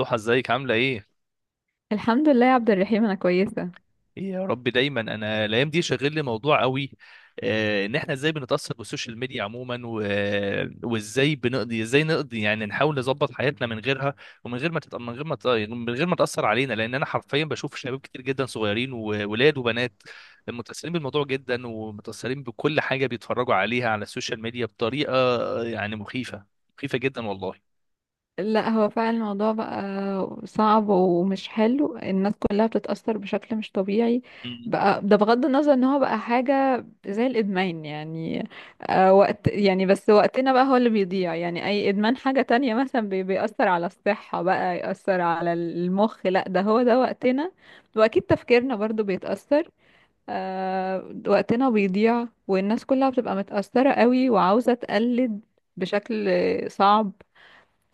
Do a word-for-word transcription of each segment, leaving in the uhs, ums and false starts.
ضحى، ازيك؟ عامله ايه؟ الحمد لله يا عبد الرحيم، انا كويسه. ايه يا رب دايما، انا الايام دي شاغل لي موضوع قوي. آه، ان احنا ازاي بنتاثر بالسوشيال ميديا عموما و... وازاي بنقضي، ازاي نقضي يعني نحاول نظبط حياتنا من غيرها ومن غير ما تت... من غير ما ت... من غير ما تاثر علينا. لان انا حرفيا بشوف شباب كتير جدا صغيرين، وولاد وبنات متاثرين بالموضوع جدا، ومتاثرين بكل حاجه بيتفرجوا عليها على السوشيال ميديا بطريقه آه، يعني مخيفه مخيفه جدا والله. لا، هو فعلا الموضوع بقى صعب ومش حلو. الناس كلها بتتاثر بشكل مش طبيعي. مم. بقى ده بغض النظر ان هو بقى حاجه زي الادمان يعني. آه وقت يعني، بس وقتنا بقى هو اللي بيضيع. يعني اي ادمان حاجه تانية مثلا بي- بيأثر على الصحه، بقى يأثر على المخ، لا ده هو ده وقتنا. واكيد تفكيرنا برضو بيتأثر. آه، وقتنا بيضيع والناس كلها بتبقى متأثرة قوي وعاوزة تقلد بشكل صعب.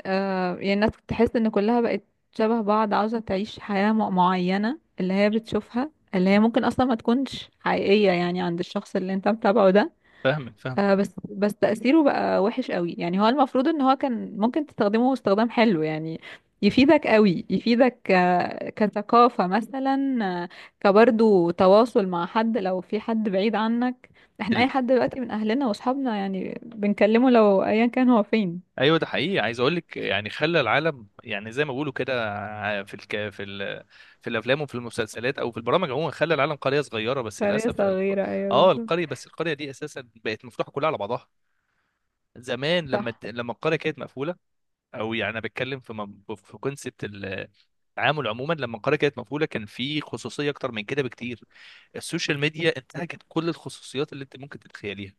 آه، يعني الناس تحس ان كلها بقت شبه بعض، عاوزة تعيش حياة م- معينة اللي هي بتشوفها، اللي هي ممكن اصلا ما تكونش حقيقية يعني عند الشخص اللي انت متابعه ده. فاهمك، فاهم. آه بس بس تأثيره بقى وحش قوي يعني. هو المفروض ان هو كان ممكن تستخدمه استخدام حلو يعني، يفيدك قوي، يفيدك آه، كثقافة مثلا. آه، كبرضو تواصل مع حد لو في حد بعيد عنك. احنا اي حد دلوقتي من اهلنا واصحابنا يعني بنكلمه لو ايا كان هو فين. ايوه ده حقيقي. عايز اقول لك يعني خلى العالم، يعني زي ما بيقولوا كده، ع- في الك... في ال... في الافلام وفي المسلسلات او في البرامج عموما، خلى العالم قريه صغيره. بس قرية للاسف الق... صغيرة، أيوة اه، القريه، بالظبط. بس القريه دي اساسا بقت مفتوحه كلها على بعضها. زمان لما صح. الت- لما القريه كانت مقفوله، او يعني انا بتكلم في م... في كونسبت التعامل عموما، لما القريه كانت مقفوله كان في خصوصيه اكتر من كده بكتير. السوشيال ميديا انتهكت كل الخصوصيات اللي انت ممكن تتخيليها.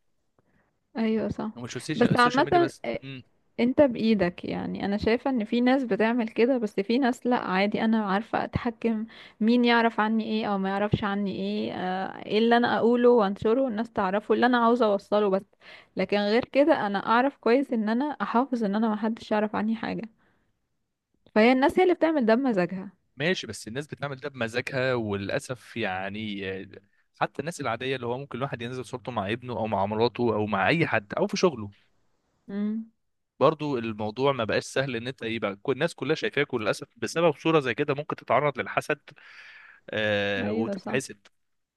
ايوه صح. ومش بس السوشيال السوشيال ميديا عامة، بس. إمم. انت بإيدك. يعني انا شايفة ان في ناس بتعمل كده، بس في ناس لا، عادي، انا عارفة اتحكم مين يعرف عني ايه او ما يعرفش عني ايه. آه، ايه اللي انا اقوله وانشره والناس تعرفه اللي انا عاوزة اوصله بس. لكن غير كده انا اعرف كويس ان انا احافظ، ان انا محدش يعرف عني حاجة. فهي الناس هي اللي بتعمل ده بمزاجها. ماشي، بس الناس بتعمل ده بمزاجها وللاسف، يعني آه، حتى الناس العاديه، اللي هو ممكن الواحد ينزل صورته مع ابنه او مع مراته او مع اي حد او في شغله، امم. برضو الموضوع ما بقاش سهل ان انت يبقى كل- الناس كلها شايفاك. وللاسف بسبب صوره زي كده ممكن تتعرض للحسد، آه، ايوه صح. وتتحسد.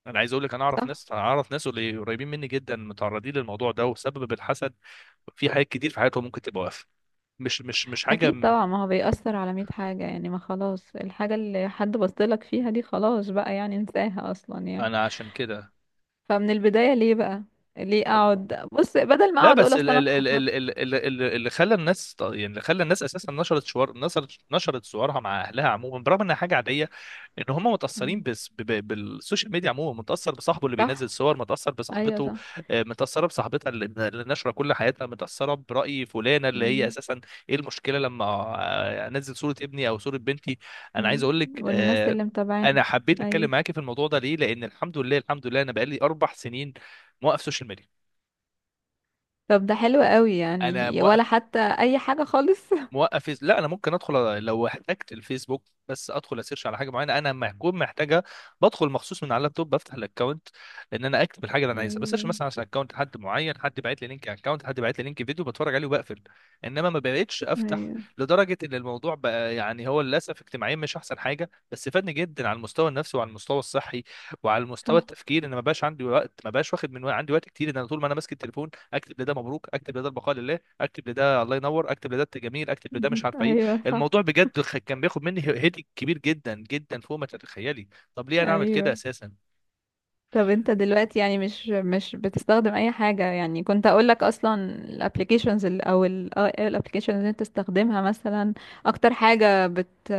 انا عايز اقول لك، انا اعرف صح. ناس انا اعرف ناس اللي قريبين مني جدا متعرضين للموضوع ده وسبب الحسد في حاجات كتير في حياتهم ممكن تبقى واقفه، مش مش مش حاجه اكيد م- طبعا، ما هو بيأثر على مية حاجة يعني. ما خلاص الحاجة اللي حد بصلك فيها دي، خلاص بقى يعني انساها اصلا يعني. انا عشان كده. فمن البداية ليه بقى؟ ليه اقعد بص بدل ما لا اقعد اقول بس اصل ال انا ال ال اتحسدت؟ ال ال ال- ال- اللي خلى الناس ط- يعني اللي خلى الناس اساسا نشرت شوار نشرت نشرت صورها مع اهلها عموما، برغم انها حاجه عاديه، ان هم متاثرين مم. بس ب- ب- بالسوشيال ميديا عموما، متاثر بصاحبه اللي بينزل صح. صور، متاثر ايوه بصاحبته، صح. آه، متاثره بصاحبتها اللي اللي نشره كل حياتها، متاثره براي فلانه اللي هي مم. اساسا. ايه المشكله لما آه، انزل صوره ابني او صوره بنتي؟ انا عايز مم. اقول لك، والناس آه، اللي انا متابعينهم. حبيت اتكلم ايوه. معاكي في الموضوع ده ليه. لان الحمد لله، الحمد لله انا بقالي اربع سنين موقف سوشيال ميديا. طب ده حلو قوي انا يعني، موقف، ولا حتى اي حاجة خالص؟ موقف فيس- لا، انا ممكن ادخل لو احتجت الفيسبوك، بس ادخل اسيرش على حاجه معينه انا لما اكون محتاجها، بدخل مخصوص من على اللابتوب، بفتح الاكونت ان انا اكتب الحاجه اللي انا عايزها، ايوه. بس مثلا عشان اكونت حد معين، حد باعت لي لينك، اكونت حد باعت لي لينك فيديو بتفرج عليه وبقفل. انما ما بقتش افتح، ايوه لدرجه ان الموضوع بقى، يعني هو للاسف اجتماعيا مش احسن حاجه، بس فادني جدا على المستوى النفسي، وعلى المستوى الصحي، وعلى المستوى صح. التفكير، ان ما بقاش عندي وقت، ما بقاش واخد من وق- عندي وقت كتير ان انا طول ما انا ماسك التليفون اكتب لده مبروك، اكتب لده البقاء لله، اكتب لده الله ينور، اكتب لده انت جميل، اكتب لده مش عارفه ايه. ايوه صح. الموضوع بجد خ- كان بياخد مني هيدك كبير جدا جدا، فوق ما تتخيلي. طب ليه انا اعمل كده ايوه. اساسا؟ طب انت دلوقتي يعني مش مش بتستخدم اي حاجة؟ يعني كنت اقول لك، اصلا الابليكيشنز او الابليكيشنز اللي انت تستخدمها مثلا اكتر حاجة بت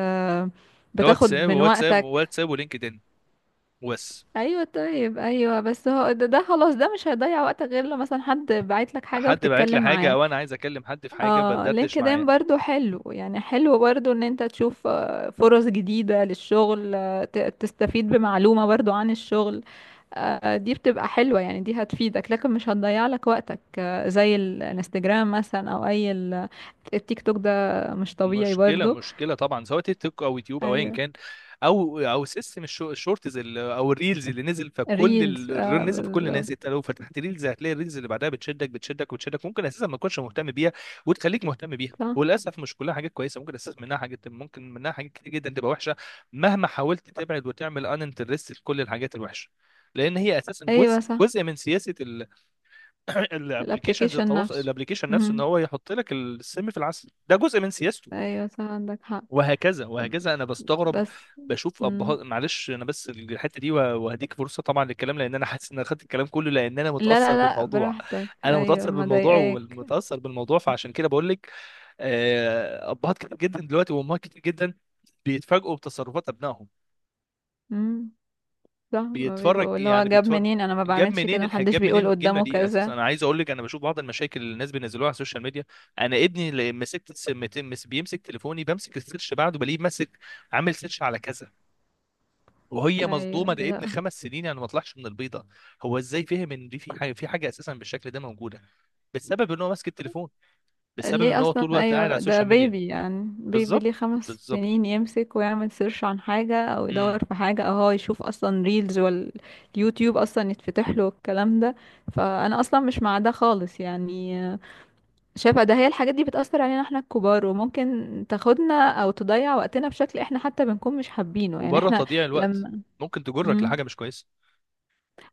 ده بتاخد واتساب من وواتساب وقتك؟ وواتساب ولينكد ان بس. ايوه طيب. ايوه بس هو ده, ده خلاص. ده مش هيضيع وقتك غير لو مثلا حد باعت لك حاجه حد بعت لي وبتتكلم حاجه معاه. او انا عايز اكلم حد في حاجه اه، بتدردش لينكدين معاه. برضو حلو يعني، حلو برضو ان انت تشوف آه، فرص جديده للشغل، آه، ت- تستفيد بمعلومه برضو عن الشغل. آه، دي بتبقى حلوه يعني، دي هتفيدك لكن مش هتضيع لك وقتك. آه، زي ال- الانستجرام مثلا، او اي ال- التيك توك ده. مش طبيعي مشكلة، برضو. مشكلة طبعا، سواء تيك توك او يوتيوب او ايا ايوه كان، او او سيستم الشو- الشورتز ال- او الريلز اللي نزل. فكل الريلز، ال- الريل اه نزل في كل بالظبط. الناس، انت لو فتحت ريلز هتلاقي الريلز اللي بعدها بتشدك، بتشدك وتشدك، ممكن اساسا ما تكونش مهتم بيها وتخليك مهتم بيها. صح. وللاسف مش كلها حاجات كويسة، ممكن اساسا منها حاجات، ممكن منها حاجات كتير جدا تبقى وحشة، مهما حاولت تبعد وتعمل ان انترست لكل الحاجات الوحشة، لان هي اساسا ايوه جزء صح. جزء من سياسة الابلكيشنز الابليكيشن التواصل، نفسه. الابلكيشن نفسه، ان مهم. هو يحط لك السم في العسل. ده جزء من سياسته، ايوه صح، عندك حق. وهكذا وهكذا انا بستغرب بس. بشوف مم. ابهات، معلش انا بس الحته دي، وه- وهديك فرصه طبعا للكلام، لان انا حاسس ان انا خدت الكلام كله، لان انا لا متاثر لا لا، بالموضوع. براحتك، انا ايوه متاثر ما بالموضوع ضايقاك. ومتاثر بالموضوع، فعشان كده بقول لك. آه، ابهات كتير جدا دلوقتي، وامهات كتير جدا بيتفاجئوا بتصرفات ابنائهم. مم. صح، ما بيتفرج، بيبقوا اللي هو يعني جاب بيتفرج، منين. انا ما جاب بعملش منين كده الح... محدش جاب منين بيقول الكلمه قدامه دي كذا. اساسا؟ انا عايز اقول لك انا بشوف بعض المشاكل اللي الناس بينزلوها على السوشيال ميديا. انا ابني اللي مسكت الس- مت- مس- بيمسك تليفوني، بمسك السيرش بعده بلاقيه ماسك عامل سيرش على كذا. وهي ايوه مصدومه، ده ابن لا. خمس سنين يعني ما طلعش من البيضه. هو ازاي فهم ان دي في حاجه، في حاجه اساسا بالشكل ده موجوده؟ بسبب ان هو ماسك التليفون، بسبب ان ليه هو اصلا؟ طول الوقت قاعد على ايوه ده السوشيال ميديا. بيبي، يعني بيبي بالظبط، ليه خمس بالظبط. سنين يمسك ويعمل سيرش عن حاجة، او امم. يدور في حاجة، او هو يشوف اصلا ريلز واليوتيوب اصلا يتفتح له الكلام ده؟ فانا اصلا مش مع ده خالص يعني. شايفة ده، هي الحاجات دي بتأثر علينا احنا الكبار، وممكن تاخدنا او تضيع وقتنا بشكل احنا حتى بنكون مش حابينه يعني. وبره احنا تضييع الوقت لما... ممكن تجرك مم. لحاجه مش كويسه.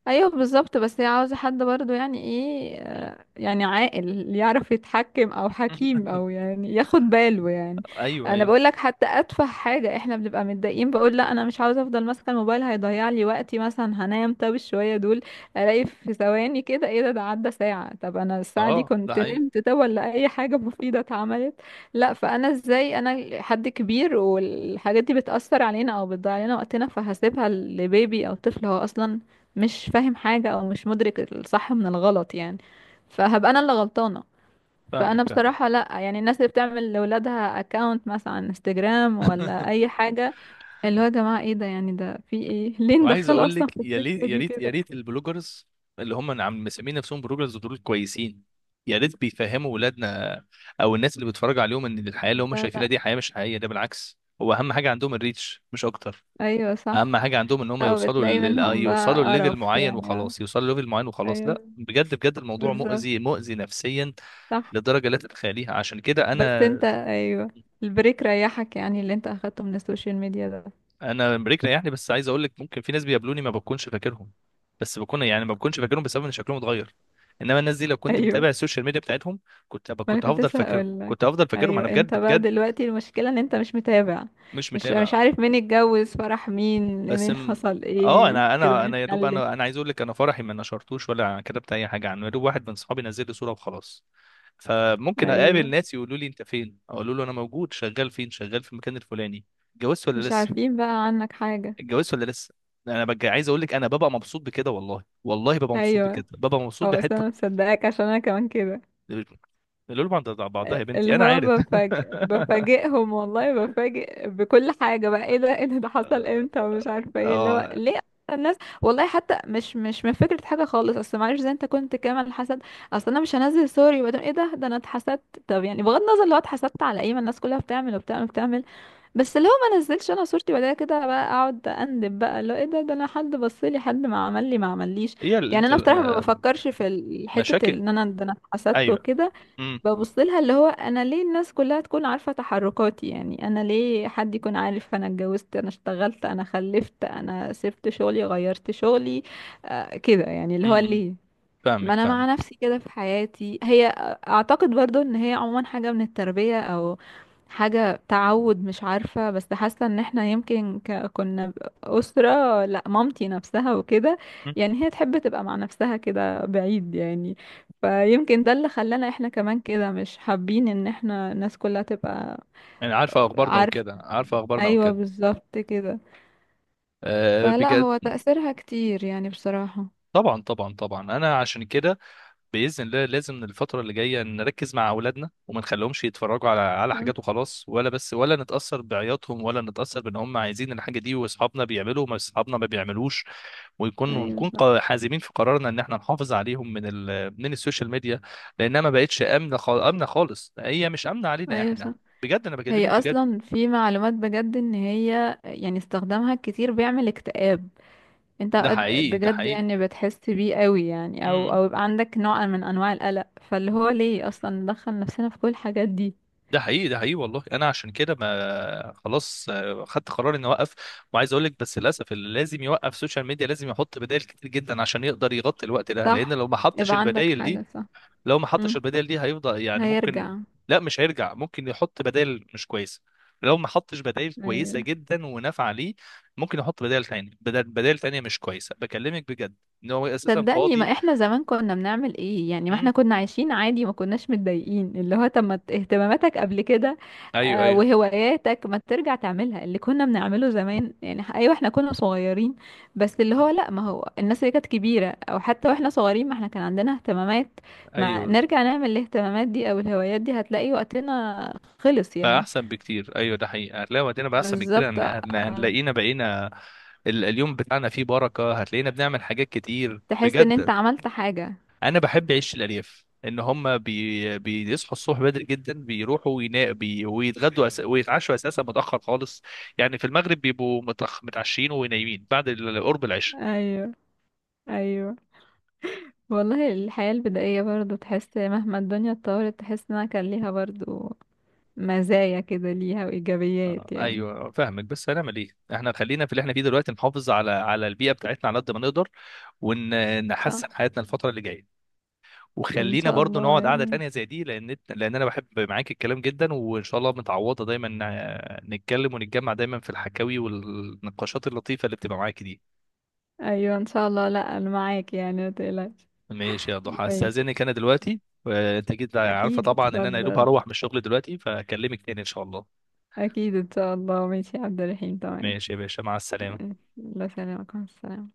ايوه بالظبط، بس هي عاوزة حد برضو يعني ايه؟ امم. آه، يعني عاقل يعرف يتحكم، او حكيم، او يعني ياخد باله يعني. ايوه، انا ايوه. بقول لك، حتى اتفه حاجة احنا بنبقى متضايقين. بقول لا انا مش عاوزة افضل ماسكة الموبايل، هيضيع لي وقتي مثلا. هنام، طب الشوية دول الاقي في ثواني كده، ايه ده؟ ده عدى ساعة؟ طب انا الساعة دي اه، ده كنت حقيقي. نمت ده ولا اي حاجة مفيدة اتعملت؟ لا، فانا ازاي انا حد كبير والحاجات دي بتأثر علينا او بتضيع لنا وقتنا، فهسيبها لبيبي او طفل هو اصلا مش فاهم حاجة او مش مدرك الصح من الغلط يعني؟ فهبقى انا اللي غلطانة. فاهمك، فانا فاهمك. بصراحة لا، يعني الناس اللي بتعمل لولادها اكاونت مثلا على انستجرام ولا اي حاجة، اللي هو يا جماعة ايه ده؟ يعني ده في ايه؟ ليه وعايز ندخله اقول اصلا لك في يا ليت، السكة يا دي ريت يا كده؟ ريت البلوجرز اللي هم عم مسمين نفسهم بلوجرز دول كويسين، يا ريت بيفهموا ولادنا او الناس اللي بيتفرجوا عليهم ان الحياه اللي هم لا شايفينها لا. دي حياه مش حقيقيه. ده بالعكس، هو اهم حاجه عندهم الريتش مش اكتر. ايوه صح. اهم حاجه عندهم ان هم او يوصلوا بتلاقي لل... منهم بقى يوصلوا لليفل قرف معين يعني، اه. وخلاص، يوصلوا لليفل معين وخلاص لا، ايوه. بجد بجد الموضوع بالظبط. مؤذي، مؤذي نفسيا، صح. لدرجه لا تتخيليها. عشان كده بس انا، انت، ايوه، البريك ريحك يعني اللي انت اخدته من السوشيال ميديا ده؟ انا بريك ريحني. بس عايز اقول لك ممكن في ناس بيقابلوني ما بكونش فاكرهم، بس بكون يعني ما بكونش فاكرهم بسبب ان شكلهم اتغير. انما الناس دي لو كنت ايوه. متابع السوشيال ميديا بتاعتهم كنت أبقى، ما انا كنت كنت هفضل لسه فاكرهم هقول لك. كنت هفضل فاكرهم. انا ايوه، انت بجد بقى بجد دلوقتي المشكله ان انت مش متابع. مش مش متابع. مش عارف مين اتجوز، فرح مين، بس مين م... حصل اه، ايه انا كده، انا مين انا يا دوب، خلف. انا انا عايز اقول لك انا فرحي ما نشرتوش ولا كتبت اي حاجه عنه، يا دوب واحد من صحابي نزل لي صوره وخلاص. فممكن اقابل ايوه ناس يقولوا لي انت فين، اقول له انا موجود شغال، فين شغال في المكان الفلاني، اتجوزت ولا مش لسه عارفين بقى عنك حاجه. اتجوزت ولا لسه. انا ببقى عايز اقول لك انا ببقى مبسوط بكده، والله والله ببقى مبسوط ايوه. بكده، ببقى مبسوط او اصلا بحته. انا مصدقك، عشان انا كمان كده. القلوب عند بعضها يا بنتي، اللي انا هو عارف. بفاجئ بفاجئهم والله، بفاجئ بكل حاجة، بقى ايه ده، ايه ده، ده حصل امتى؟ ومش عارفة ايه، اللي هو اه، ليه؟ أصلاً الناس والله حتى مش مش من فكرة حاجة خالص، اصل معلش زي انت كنت كامل حسد. اصل انا مش هنزل، سوري، وبعدين ايه ده، ده انا اتحسدت؟ طب يعني بغض النظر لو اتحسدت على ايه، ما الناس كلها بتعمل وبتعمل وبتعمل. بس لو ما نزلش انا صورتي وبعدين كده، بقى اقعد اندب بقى، اللي هو ايه ده، ده انا حد بصلي حد، ما عمل لي ما عمليش. هي ال- يعني انت انا ال- بصراحة ما آه، بفكرش في ال- حتة ال- مشاكل. ان انا ده انا اتحسدت ايوه. وكده. امم، ببص لها اللي هو انا ليه الناس كلها تكون عارفة تحركاتي؟ يعني انا ليه حد يكون عارف انا اتجوزت، انا اشتغلت، انا خلفت، انا سبت شغلي، غيرت شغلي. آه كده يعني، اللي هو امم إمم. ليه؟ ما فاهمك، انا مع فاهمك. نفسي كده في حياتي هي. اعتقد برضو ان هي عموما حاجة من التربية، او حاجة تعود، مش عارفة، بس حاسة ان احنا يمكن ك- كنا أسرة. لا مامتي نفسها وكده، مم. يعني هي تحب تبقى مع نفسها كده بعيد يعني. فيمكن ده اللي خلانا احنا كمان كده مش حابين ان احنا الناس كلها تبقى انا عارفه اخبارنا عارفة. وكده عارفه اخبارنا ايوه وكده. بالظبط كده. أه، فلا، بجد. هو تأثيرها كتير يعني بصراحة. طبعا طبعا طبعا انا عشان كده باذن الله لازم الفتره اللي جايه نركز مع اولادنا، وما نخليهمش يتفرجوا على على صح. حاجات وخلاص، ولا بس ولا نتاثر بعياطهم، ولا نتاثر بان هم عايزين الحاجه دي واصحابنا بيعملوا وما اصحابنا ما بيعملوش. ويكون ايوه ونكون صح. قا- حازمين في قرارنا ان احنا نحافظ عليهم من ال... من السوشيال ميديا، لانها ما بقتش امنه خال... امنه خالص، هي مش امنه علينا ايوه احنا. صح. بجد انا هي بكلمك بجد. اصلا في معلومات بجد ان هي يعني استخدامها كتير بيعمل اكتئاب. انت ده اوقات حقيقي ده بجد حقيقي. يعني بتحس بيه قوي م- يعني، او م. او يبقى عندك نوع من انواع القلق، فاللي هو ليه اصلا ندخل نفسنا في كل الحاجات دي؟ ده حقيقي، ده حقيقي والله. انا عشان كده، ما خلاص، آه، خدت قرار اني اوقف. وعايز اقول لك بس للاسف، اللي لازم يوقف سوشيال ميديا لازم يحط بدائل كتير جدا عشان يقدر يغطي الوقت ده. لان صح. لو ما حطش يبقى عندك البدائل دي، حاجة، صح. لو ما حطش مم. البدائل دي هيفضل يعني ممكن، هيرجع. لا مش هيرجع، ممكن يحط بدائل مش كويسه. لو ما حطش بدائل كويسه ايوه جدا ونافعه ليه، ممكن يحط بدائل تانية، بدائل بدائل تانية مش كويسه. بكلمك بجد، ان هو اساسا صدقني، فاضي. ما احنا زمان كنا بنعمل ايه يعني؟ ما امم. احنا كنا عايشين عادي، ما كناش متضايقين، اللي هو طب ما ت- اهتماماتك قبل كده، ايوه آه، ايوه وهواياتك، ما ترجع تعملها اللي كنا بنعمله زمان يعني. ح- ايوه احنا كنا صغيرين. بس اللي هو لا، ما هو الناس اللي كانت كبيرة او حتى واحنا صغيرين، ما احنا كان عندنا اهتمامات. ما ايوه. نرجع نعمل الاهتمامات دي او الهوايات دي، هتلاقي وقتنا خلص بقى يعني. احسن بكتير، ايوه ده حقيقه، هتلاقي وقتنا بقى احسن بكتير، بالظبط. هن- هن- آه، هنلاقينا بقينا ال- اليوم بتاعنا فيه بركه، هتلاقينا بنعمل حاجات كتير تحس ان انت بجد. عملت حاجة. انا بحب عيش الارياف، ان هم بي... بيصحوا الصبح بدري جدا، بيروحوا وينا... بي... ويتغدوا أس... ويتعشوا اساسا متاخر خالص. يعني في المغرب بيبقوا متأخ... متعشين ونايمين بعد ال- قرب العشاء. ايوه ايوه. والله الحياة البدائية برضو، تحس مهما الدنيا اتطورت، تحس انها كان ليها برضو مزايا كده، ليها وإيجابيات آه، يعني. ايوه فاهمك، بس هنعمل ايه؟ احنا خلينا في اللي احنا فيه دلوقتي، نحافظ على على البيئه بتاعتنا على قد ما نقدر، ونحسن صح. حياتنا الفتره اللي جايه. ان وخلينا شاء برضو الله نقعد قعدة يعني. تانية زي دي، لأن إنت- لأن أنا بحب معاك الكلام جدا، وإن شاء الله متعوضة دايما، آه، نتكلم ونتجمع دايما في الحكاوي والنقاشات اللطيفة اللي بتبقى معاك دي. ايوه ان شاء الله، لا انا معاك يعني ما تقلقش. ماشي يا ضحى، ماشي. استأذنك أنا دلوقتي، وأنت جيت بقى، عارفة اكيد طبعا إن أنا يا دوب اتفضل. هروح من الشغل دلوقتي، فأكلمك تاني إن شاء الله. اكيد ان شاء الله، ماشي يا عبد الرحيم، تمام. ماشي يا باشا، مع السلامة. الله يسلمك، مع السلامة.